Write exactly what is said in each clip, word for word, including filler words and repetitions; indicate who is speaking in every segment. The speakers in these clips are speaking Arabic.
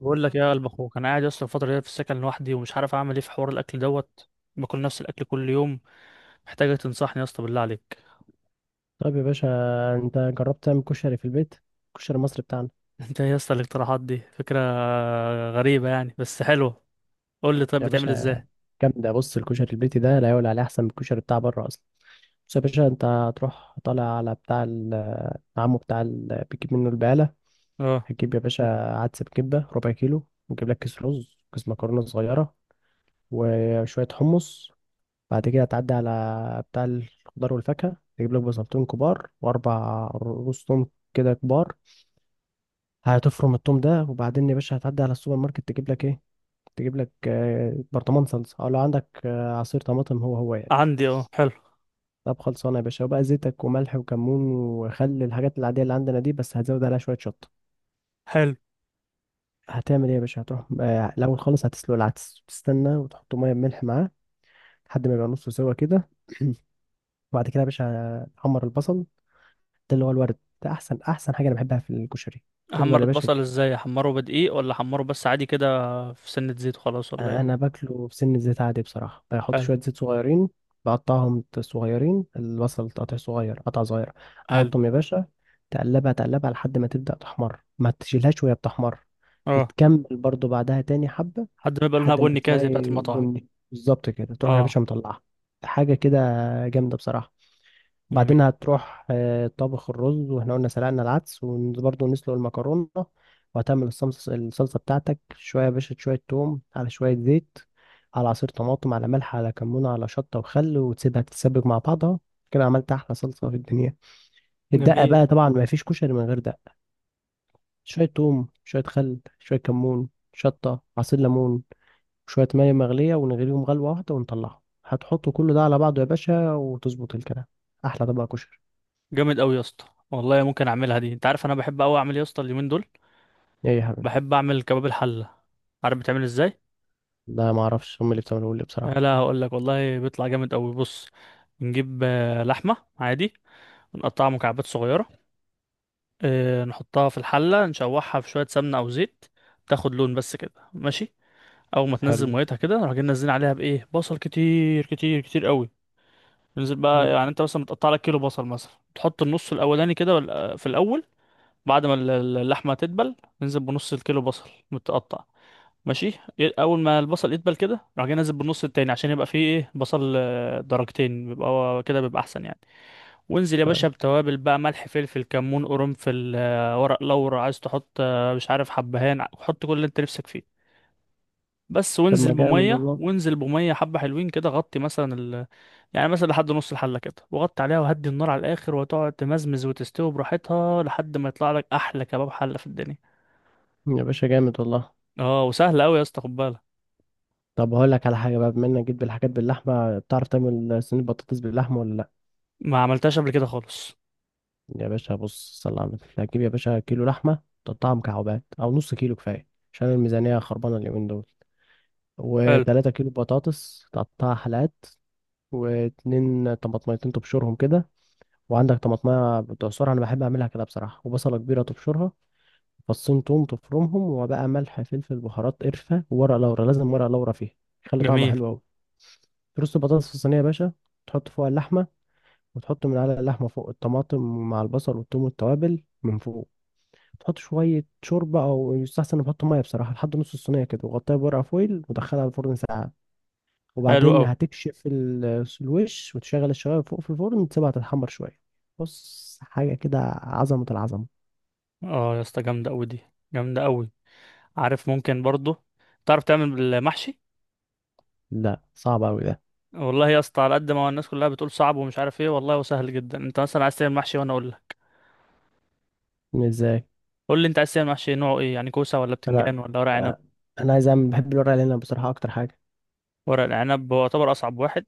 Speaker 1: بقول لك يا قلب اخوك، انا قاعد اصلا الفتره دي في السكن لوحدي ومش عارف اعمل ايه في حوار الاكل دوت. باكل نفس الاكل كل يوم. محتاجك تنصحني يا اسطى، بالله عليك.
Speaker 2: طيب يا باشا، انت جربت تعمل كشري في البيت؟ الكشري المصري بتاعنا.
Speaker 1: انت إيه يا اسطى الاقتراحات دي؟ فكره غريبه يعني بس حلوه. قول لي طيب،
Speaker 2: يا
Speaker 1: بتعمل
Speaker 2: باشا
Speaker 1: ازاي؟
Speaker 2: جامده، بص الكشري البيتي ده لا يقول عليه احسن من الكشري بتاع بره اصلا. بص يا باشا، انت هتروح طالع على بتاع ال- عمو بتاع ال- بيجيب منه البقاله.
Speaker 1: اه.
Speaker 2: هتجيب يا باشا عدس بكبه ربع كيلو، وتجيب لك كيس رز، كيس مكرونه صغيره، وشويه حمص. بعد كده هتعدي على بتاع الخضار والفاكهه، تجيب لك بصلتين كبار واربع رز توم كده كبار. هتفرم التوم ده، وبعدين يا باشا هتعدي على السوبر ماركت تجيب لك ايه؟ تجيب لك آه، برطمان صلصه، او لو عندك آه، عصير طماطم، هو هو يعني.
Speaker 1: عندي اه حلو
Speaker 2: طب خلصانه يا باشا، وبقى زيتك وملح وكمون وخل، الحاجات العاديه اللي عندنا دي، بس هتزود عليها شويه شطه.
Speaker 1: حلو.
Speaker 2: هتعمل ايه يا باشا؟ هتروح آه، الاول خالص هتسلق العدس، تستنى وتحط ميه بملح معاه لحد ما يبقى نصه سوا كده. وبعد كده يا باشا تحمر البصل، ده اللي هو الورد، ده احسن احسن حاجه انا بحبها في الكشري. تفضل
Speaker 1: احمر
Speaker 2: يا باشا.
Speaker 1: البصل ازاي؟ احمره بدقيق ولا احمره بس عادي كده؟ في سنه زيت وخلاص ولا ايه؟
Speaker 2: انا باكله بسن زيت عادي بصراحه، بحط
Speaker 1: حلو.
Speaker 2: شويه زيت صغيرين. بقطعهم صغيرين، البصل تقطع صغير، قطع صغير.
Speaker 1: حلو.
Speaker 2: احطهم يا باشا، تقلبها تقلبها لحد ما تبدا تحمر، ما تشيلهاش وهي بتحمر،
Speaker 1: اه.
Speaker 2: بتكمل برضو بعدها تاني حبه.
Speaker 1: لحد ما يبقى لونها
Speaker 2: لحد ما
Speaker 1: بني كده زي
Speaker 2: تلاقي
Speaker 1: بتاعت المطاعم.
Speaker 2: بني بالظبط كده تروح يا
Speaker 1: اه.
Speaker 2: باشا مطلعها، حاجه كده. جامده بصراحه.
Speaker 1: جميل.
Speaker 2: وبعدين هتروح آه، طبخ الرز، واحنا قلنا سلقنا العدس، وبرضه نسلق المكرونة. وهتعمل الصمص- الصلصة بتاعتك، شوية يا باشا شوية توم على شوية زيت، على عصير طماطم، على ملح، على كمون، على شطة وخل، وتسيبها تتسبك مع بعضها. كده عملت أحلى صلصة في الدنيا. الدقة
Speaker 1: جميل.
Speaker 2: بقى طبعا ما فيش كشري من غير دقة. شوية توم، شوية خل، شوية كمون، شطة، عصير ليمون، شوية مية مغلية، ونغليهم غلوة واحدة ونطلعهم. هتحط كل ده على بعضه يا باشا وتظبط الكلام، أحلى طبق كشري.
Speaker 1: جامد قوي يا اسطى، والله ممكن اعملها دي. انت عارف انا بحب قوي اعمل إيه يا اسطى اليومين دول؟
Speaker 2: إيه يا حبيبي؟
Speaker 1: بحب اعمل كباب الحله. عارف بتعمل ازاي؟
Speaker 2: لا ما اعرفش، هم اللي بتعملوا لي
Speaker 1: آه،
Speaker 2: بصراحة.
Speaker 1: لا هقول لك والله بيطلع جامد قوي. بص، نجيب آه، لحمه عادي ونقطعها مكعبات صغيره. آه، نحطها في الحله، نشوحها في شويه سمنه او زيت، تاخد لون بس كده ماشي. اول ما تنزل
Speaker 2: حلو.
Speaker 1: ميتها كده نروح جايين نازلين عليها بايه؟ بصل كتير كتير كتير قوي. ننزل بقى،
Speaker 2: مم.
Speaker 1: يعني انت مثلا متقطع لك كيلو بصل مثلا، تحط النص الاولاني كده وال- في الاول. بعد ما ال- اللحمه تدبل، ننزل بنص الكيلو بصل متقطع، ماشي. ي- اول ما البصل يدبل كده راح جاي نازل بالنص التاني، عشان يبقى فيه ايه؟ بصل آه، درجتين، بيبقى هو كده بيبقى احسن يعني. وانزل يا باشا
Speaker 2: طيب.
Speaker 1: بتوابل بقى، ملح فلفل كمون قرنفل آه، ورق لورا، عايز تحط آه، مش عارف حبهان ع- حط كل اللي انت نفسك فيه. بس
Speaker 2: طب
Speaker 1: وانزل
Speaker 2: ما جامد
Speaker 1: بميه،
Speaker 2: والله.
Speaker 1: وانزل بميه حبه حلوين كده، غطي مثلا ال... يعني مثلا لحد نص الحله كده وغطي عليها وهدي النار على الاخر، وتقعد تمزمز وتستوي براحتها لحد ما يطلع لك احلى كباب حله في الدنيا.
Speaker 2: يا باشا جامد والله.
Speaker 1: اه وسهله قوي يا اسطى، خد بالك.
Speaker 2: طب هقول لك على حاجة بقى، بما انك جيت بالحاجات باللحمة، بتعرف تعمل صينية بطاطس باللحمة ولا لا؟
Speaker 1: ما عملتهاش قبل كده خالص.
Speaker 2: يا باشا بص، صل على النبي، هتجيب يا باشا كيلو لحمة تقطعها مكعبات، او نص كيلو كفاية عشان الميزانية خربانة اليومين دول.
Speaker 1: حلو.
Speaker 2: وتلاتة كيلو بطاطس تقطعها حلقات، واتنين طماطميتين تبشرهم كده، وعندك طماطمية بتعصرها، انا بحب اعملها كده بصراحة، وبصلة كبيرة تبشرها، فصين توم تفرمهم، وبقى ملح فلفل بهارات قرفة وورق لورا، لازم ورق لورا فيها، يخلي طعمها
Speaker 1: جميل.
Speaker 2: حلو أوي. ترص البطاطس في الصينية يا باشا، تحط فوقها اللحمة، وتحط من على اللحمة فوق الطماطم مع البصل والثوم والتوابل من فوق. تحط شوية شوربة أو يستحسن نحط مية بصراحة لحد نص الصينية كده، وغطيها بورقة فويل ودخلها الفرن ساعة.
Speaker 1: حلو
Speaker 2: وبعدين
Speaker 1: قوي.
Speaker 2: هتكشف ال- الوش، وتشغل الشواية فوق في الفرن، تسيبها تتحمر شوية. بص حاجة كده، عظمة العظمة.
Speaker 1: اه يا اسطى جامده قوي دي. جامده قوي. عارف ممكن برضه تعرف تعمل المحشي؟
Speaker 2: لا صعب أوي ده.
Speaker 1: والله يا اسطى على قد ما الناس كلها بتقول صعب ومش عارف ايه، والله هو سهل جدا. انت مثلا عايز تعمل محشي وانا اقول لك.
Speaker 2: ازاي؟
Speaker 1: قول لي انت عايز تعمل محشي نوعه ايه يعني، كوسه ولا
Speaker 2: انا
Speaker 1: بتنجان ولا ورق عنب؟
Speaker 2: انا عايز اعمل، بحب الورق العنب بصراحه اكتر حاجه.
Speaker 1: ورق العنب هو يعتبر اصعب واحد.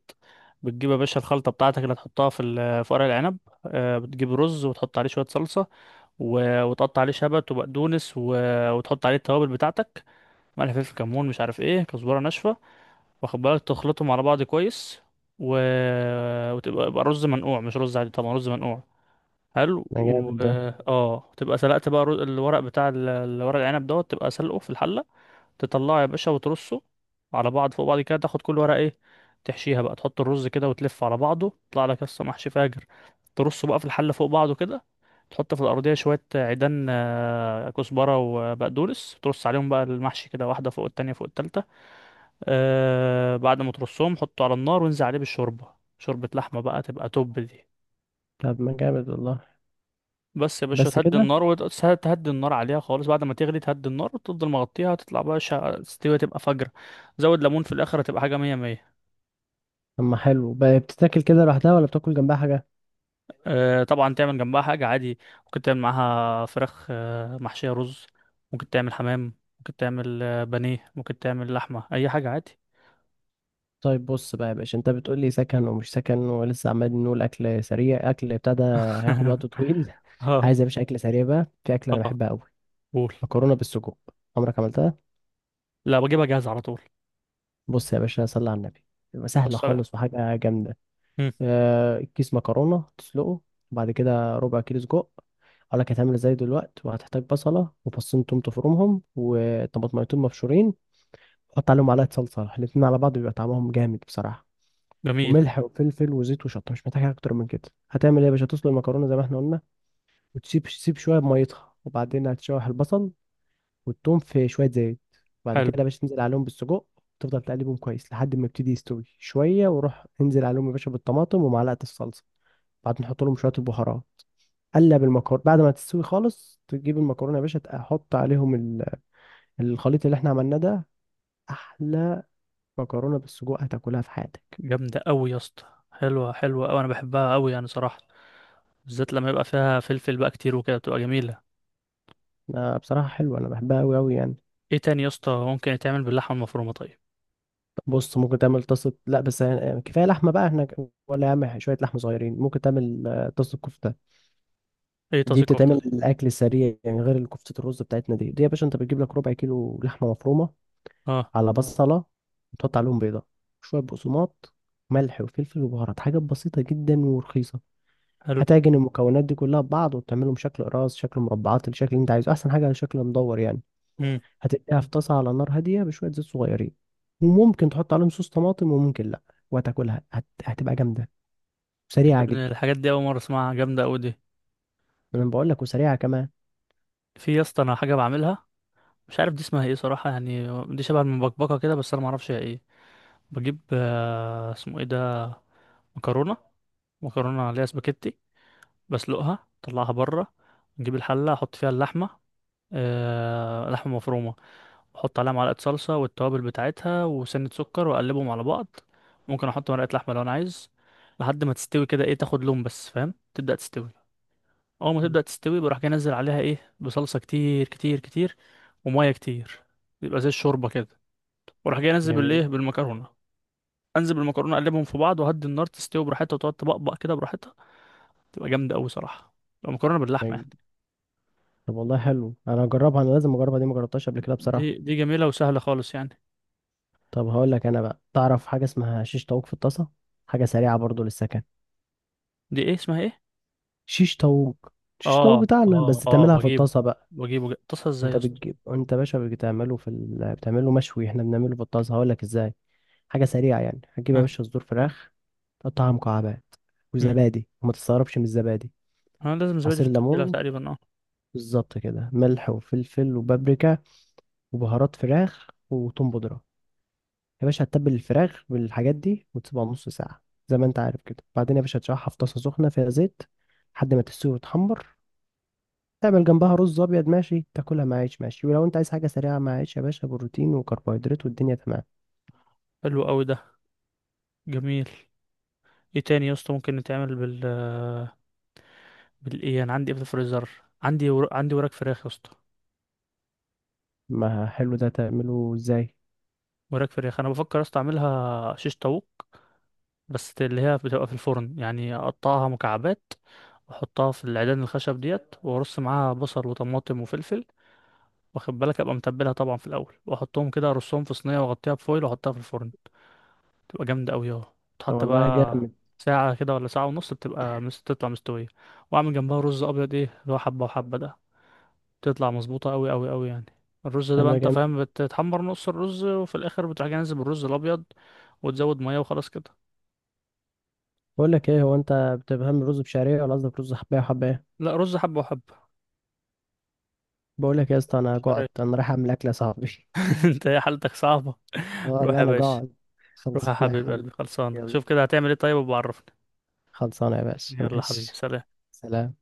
Speaker 1: بتجيب يا باشا الخلطه بتاعتك اللي هتحطها في ال- في ورق العنب. آه، بتجيب رز وتحط عليه شويه صلصه و- وتقطع عليه شبت وبقدونس و- وتحط عليه التوابل بتاعتك، ملح فلفل كمون مش عارف ايه كزبره ناشفه، واخد بالك تخلطهم على بعض كويس. و... وتبقى يبقى رز منقوع مش رز عادي، طبعا رز منقوع. حلو
Speaker 2: ده
Speaker 1: و
Speaker 2: جامد ده.
Speaker 1: اه. تبقى سلقت بقى الرز- الورق بتاع ال- الورق العنب دوت، تبقى سلقه في الحلة. تطلعه يا باشا وترصه على بعض فوق بعض كده، تاخد كل ورقة ايه تحشيها بقى، تحط الرز كده وتلف على بعضه، تطلع لك قصة محشي فاجر. ترصه بقى في الحله فوق بعضه كده. تحط في الارضيه شويه عيدان آه، كزبره وبقدونس، ترص عليهم بقى المحشي كده، واحده فوق التانية فوق التالتة. آه بعد ما ترصهم حطه على النار وانزل عليه بالشوربه، شوربه لحمه بقى، تبقى توب دي.
Speaker 2: طب ما جامد والله.
Speaker 1: بس يا باشا
Speaker 2: بس
Speaker 1: تهدي
Speaker 2: كده؟
Speaker 1: النار، وتهدي النار عليها خالص بعد ما تغلي، تهدي النار وتفضل مغطيها، تطلع بقى شا... تستوي تبقى فجر. زود ليمون في الاخر هتبقى حاجه مية مية.
Speaker 2: اما حلو بقى، بتتاكل كده لوحدها ولا بتاكل جنبها حاجه؟
Speaker 1: آه، طبعا تعمل جنبها حاجة عادي. ممكن تعمل معاها فراخ آه، محشية رز، ممكن تعمل حمام، ممكن تعمل آه، بانيه، ممكن تعمل لحمة، أي حاجة عادي.
Speaker 2: طيب بص بقى يا باشا، انت بتقول لي سكن ومش سكن، ولسه عمال نقول اكل سريع، اكل ابتدى هياخد وقت طويل.
Speaker 1: اه.
Speaker 2: عايز يا باشا اكل سريع بقى. في اكل انا
Speaker 1: اه.
Speaker 2: بحبها قوي،
Speaker 1: قول.
Speaker 2: مكرونه بالسجق. عمرك عملتها؟
Speaker 1: لا بجيبها جاهزة على طول.
Speaker 2: بص يا باشا صلي على النبي، بتبقى سهله
Speaker 1: والسلام.
Speaker 2: خالص وحاجه جامده.
Speaker 1: مم،
Speaker 2: آه، كيس مكرونة تسلقه، وبعد كده ربع كيلو سجق، اقول لك هتعمل ازاي دلوقتي. وهتحتاج بصلة وفصين توم تفرمهم، وطماطميتين مبشورين، وحط عليهم معلقة صلصة، الاتنين على بعض بيبقى طعمهم جامد بصراحة.
Speaker 1: جميل.
Speaker 2: وملح وفلفل وزيت وشطة، مش محتاج حاجة اكتر من كده. هتعمل ايه يا باشا؟ تسلق المكرونة زي ما احنا قلنا، وتسيب تسيب شوية بميتها، وبعدين هتشوح البصل والتوم في شوية زيت. بعد كده
Speaker 1: حلو.
Speaker 2: يا باشا تنزل عليهم بالسجق، تفضل تقلبهم كويس لحد ما يبتدي يستوي شوية، وروح انزل عليهم يا باشا بالطماطم ومعلقة الصلصة، بعدين نحط لهم شويه البهارات. قلب المكرونه، بعد ما تستوي خالص تجيب المكرونه يا باشا تحط عليهم ال- الخليط اللي احنا عملناه ده، احلى مكرونه بالسجق هتاكلها في حياتك.
Speaker 1: جامدة أوي يا اسطى. حلوة حلوة أوي، أنا بحبها أوي يعني صراحة، بالذات لما يبقى فيها فلفل بقى كتير وكده بتبقى جميلة.
Speaker 2: أنا بصراحه حلوه، انا بحبها قوي قوي يعني.
Speaker 1: ايه تاني يا اسطى ممكن يتعمل باللحمة المفرومة طيب؟
Speaker 2: بص ممكن تعمل طاسه، لا بس يعني يعني كفايه لحمه بقى احنا، ولا يا عم شويه لحمه صغيرين ممكن تعمل آه، طاسه كفته.
Speaker 1: ايه
Speaker 2: دي
Speaker 1: طاسة كفتة
Speaker 2: بتتعمل
Speaker 1: دي؟
Speaker 2: الاكل السريع يعني، غير الكفته الرز بتاعتنا دي دي يا باشا، انت بتجيب لك ربع كيلو لحمه مفرومه،
Speaker 1: اه.
Speaker 2: على بصلة، وتحط عليهم بيضة، شوية بقسماط، ملح وفلفل وبهارات، حاجات بسيطة جدا ورخيصة.
Speaker 1: حلو.
Speaker 2: هتعجن المكونات دي كلها ببعض، وتعملهم شكل قراص، شكل مربعات، الشكل اللي انت عايزه، احسن حاجة شكل مدور يعني.
Speaker 1: مم.
Speaker 2: هتقليها في طاسة على نار هادية بشوية زيت صغيرين، وممكن تحط عليهم صوص طماطم وممكن لا. وهتاكلها هت... هتبقى جامدة
Speaker 1: يا
Speaker 2: وسريعة
Speaker 1: ابني
Speaker 2: جدا.
Speaker 1: الحاجات دي أول مرة أسمعها، جامدة أوي دي.
Speaker 2: انا بقول لك، وسريعة كمان.
Speaker 1: في يا اسطى انا حاجه بعملها، مش عارف دي اسمها ايه صراحه يعني. دي شبه المبكبكه كده بس انا ما اعرفش هي ايه. بجيب آه، اسمه ايه ده، مكرونه، مكرونه عليها سباكيتي. بسلقها اطلعها بره. نجيب الحله احط فيها اللحمه، أه لحمه مفرومه. احط عليها معلقه صلصه والتوابل بتاعتها وسنه سكر واقلبهم على بعض. ممكن احط مرقه لحمه لو انا عايز. لحد ما تستوي كده ايه، تاخد لون بس فاهم، تبدا تستوي. اول ما تبدأ تستوي بروح جاي انزل عليها ايه؟ بصلصة كتير كتير كتير ومية كتير. يبقى زي الشوربة كده. واروح جاي انزل
Speaker 2: جميل.
Speaker 1: بالايه بالمكرونة. انزل بالمكرونة اقلبهم في بعض وهدي النار، تستوي براحتها وتقعد تبقبق كده براحتها. تبقى جامدة قوي صراحة. تبقى مكرونة باللحمة
Speaker 2: ما-
Speaker 1: يعني.
Speaker 2: طب والله حلو، انا هجربها، انا لازم اجربها دي، ما جربتهاش قبل كده بصراحة.
Speaker 1: دي دي جميلة وسهلة خالص يعني.
Speaker 2: طب هقول لك انا بقى، تعرف حاجه اسمها شيش طاووق في الطاسه؟ حاجه سريعه برضو للسكن.
Speaker 1: دي ايه اسمها ايه؟
Speaker 2: شيش طاووق. شيش طاووق
Speaker 1: اه
Speaker 2: بتاعنا،
Speaker 1: اه
Speaker 2: بس
Speaker 1: اه
Speaker 2: تعملها في
Speaker 1: بجيبه.
Speaker 2: الطاسه بقى.
Speaker 1: بجيبه جا- تصل ازاي
Speaker 2: انت
Speaker 1: يا اسطى؟
Speaker 2: بتجيب، انت يا باشا بتعمله في ال... بتعمله مشوي، احنا بنعمله في الطاسه، هقول لك ازاي. حاجه سريعه يعني. هتجيب يا
Speaker 1: ها.
Speaker 2: باشا صدور فراخ، تقطعها مكعبات،
Speaker 1: مم.
Speaker 2: وزبادي، وما تستغربش من الزبادي،
Speaker 1: انا لازم زبادي في
Speaker 2: عصير
Speaker 1: التتبيلة
Speaker 2: ليمون،
Speaker 1: تقريبا، اه.
Speaker 2: بالظبط كده، ملح وفلفل وبابريكا وبهارات فراخ وتوم بودرة. يا باشا هتتبل الفراخ بالحاجات دي وتسيبها نص ساعة زي ما انت عارف كده. بعدين يا باشا هتشرحها في طاسة سخنة فيها زيت لحد ما تستوي وتحمر. تعمل جنبها رز أبيض ماشي، تاكلها مع عيش ماشي، ولو انت عايز حاجة سريعة مع عيش يا باشا، بروتين وكربوهيدرات، والدنيا تمام.
Speaker 1: حلو قوي ده. جميل. ايه تاني يا اسطى ممكن نتعمل بال بالايه، انا عندي ايه في الفريزر؟ عندي ور... عندي وراك فراخ يا اسطى.
Speaker 2: ما حلو ده، تعمله ازاي؟
Speaker 1: وراك فراخ انا بفكر يا اسطى اعملها شيش طاووق، بس اللي هي بتبقى في الفرن يعني، اقطعها مكعبات واحطها في العيدان الخشب ديت، وارص معاها بصل وطماطم وفلفل، واخد بالك ابقى متبلها طبعا في الاول، واحطهم كده ارصهم في صينيه واغطيها بفويل واحطها في الفرن، تبقى جامده قوي اهو.
Speaker 2: ده
Speaker 1: تحط
Speaker 2: والله
Speaker 1: بقى
Speaker 2: جامد.
Speaker 1: ساعة كده ولا ساعة ونص، بتبقى مس... تطلع مستوية. وأعمل جنبها رز أبيض إيه اللي هو حبة وحبة ده، تطلع مظبوطة أوي أوي أوي يعني. الرز ده بقى
Speaker 2: اما
Speaker 1: أنت
Speaker 2: جميل.
Speaker 1: فاهم، بتتحمر نص الرز وفي الآخر بتروح جاي نازل بالرز الأبيض، وتزود مية وخلاص كده.
Speaker 2: بقول لك ايه هو، انت بتفهم رز بشعرية ولا قصدك رز حباية وحباية ايه؟
Speaker 1: لا رز حبة وحبة.
Speaker 2: بقول لك يا اسطى انا
Speaker 1: مش عارف.
Speaker 2: جعت، انا رايح اعمل اكل يا صاحبي
Speaker 1: أنت يا حالتك صعبة.
Speaker 2: اه
Speaker 1: روح
Speaker 2: والله
Speaker 1: يا
Speaker 2: انا
Speaker 1: باشا.
Speaker 2: جعت.
Speaker 1: روح يا
Speaker 2: خلصانة يا
Speaker 1: حبيب قلبي
Speaker 2: حبيبي.
Speaker 1: خلصان،
Speaker 2: يلا،
Speaker 1: شوف كده هتعمل إيه طيب وبعرفني.
Speaker 2: خلصانة يا باشا
Speaker 1: يلا حبيبي،
Speaker 2: ماشي.
Speaker 1: سلام.
Speaker 2: سلام.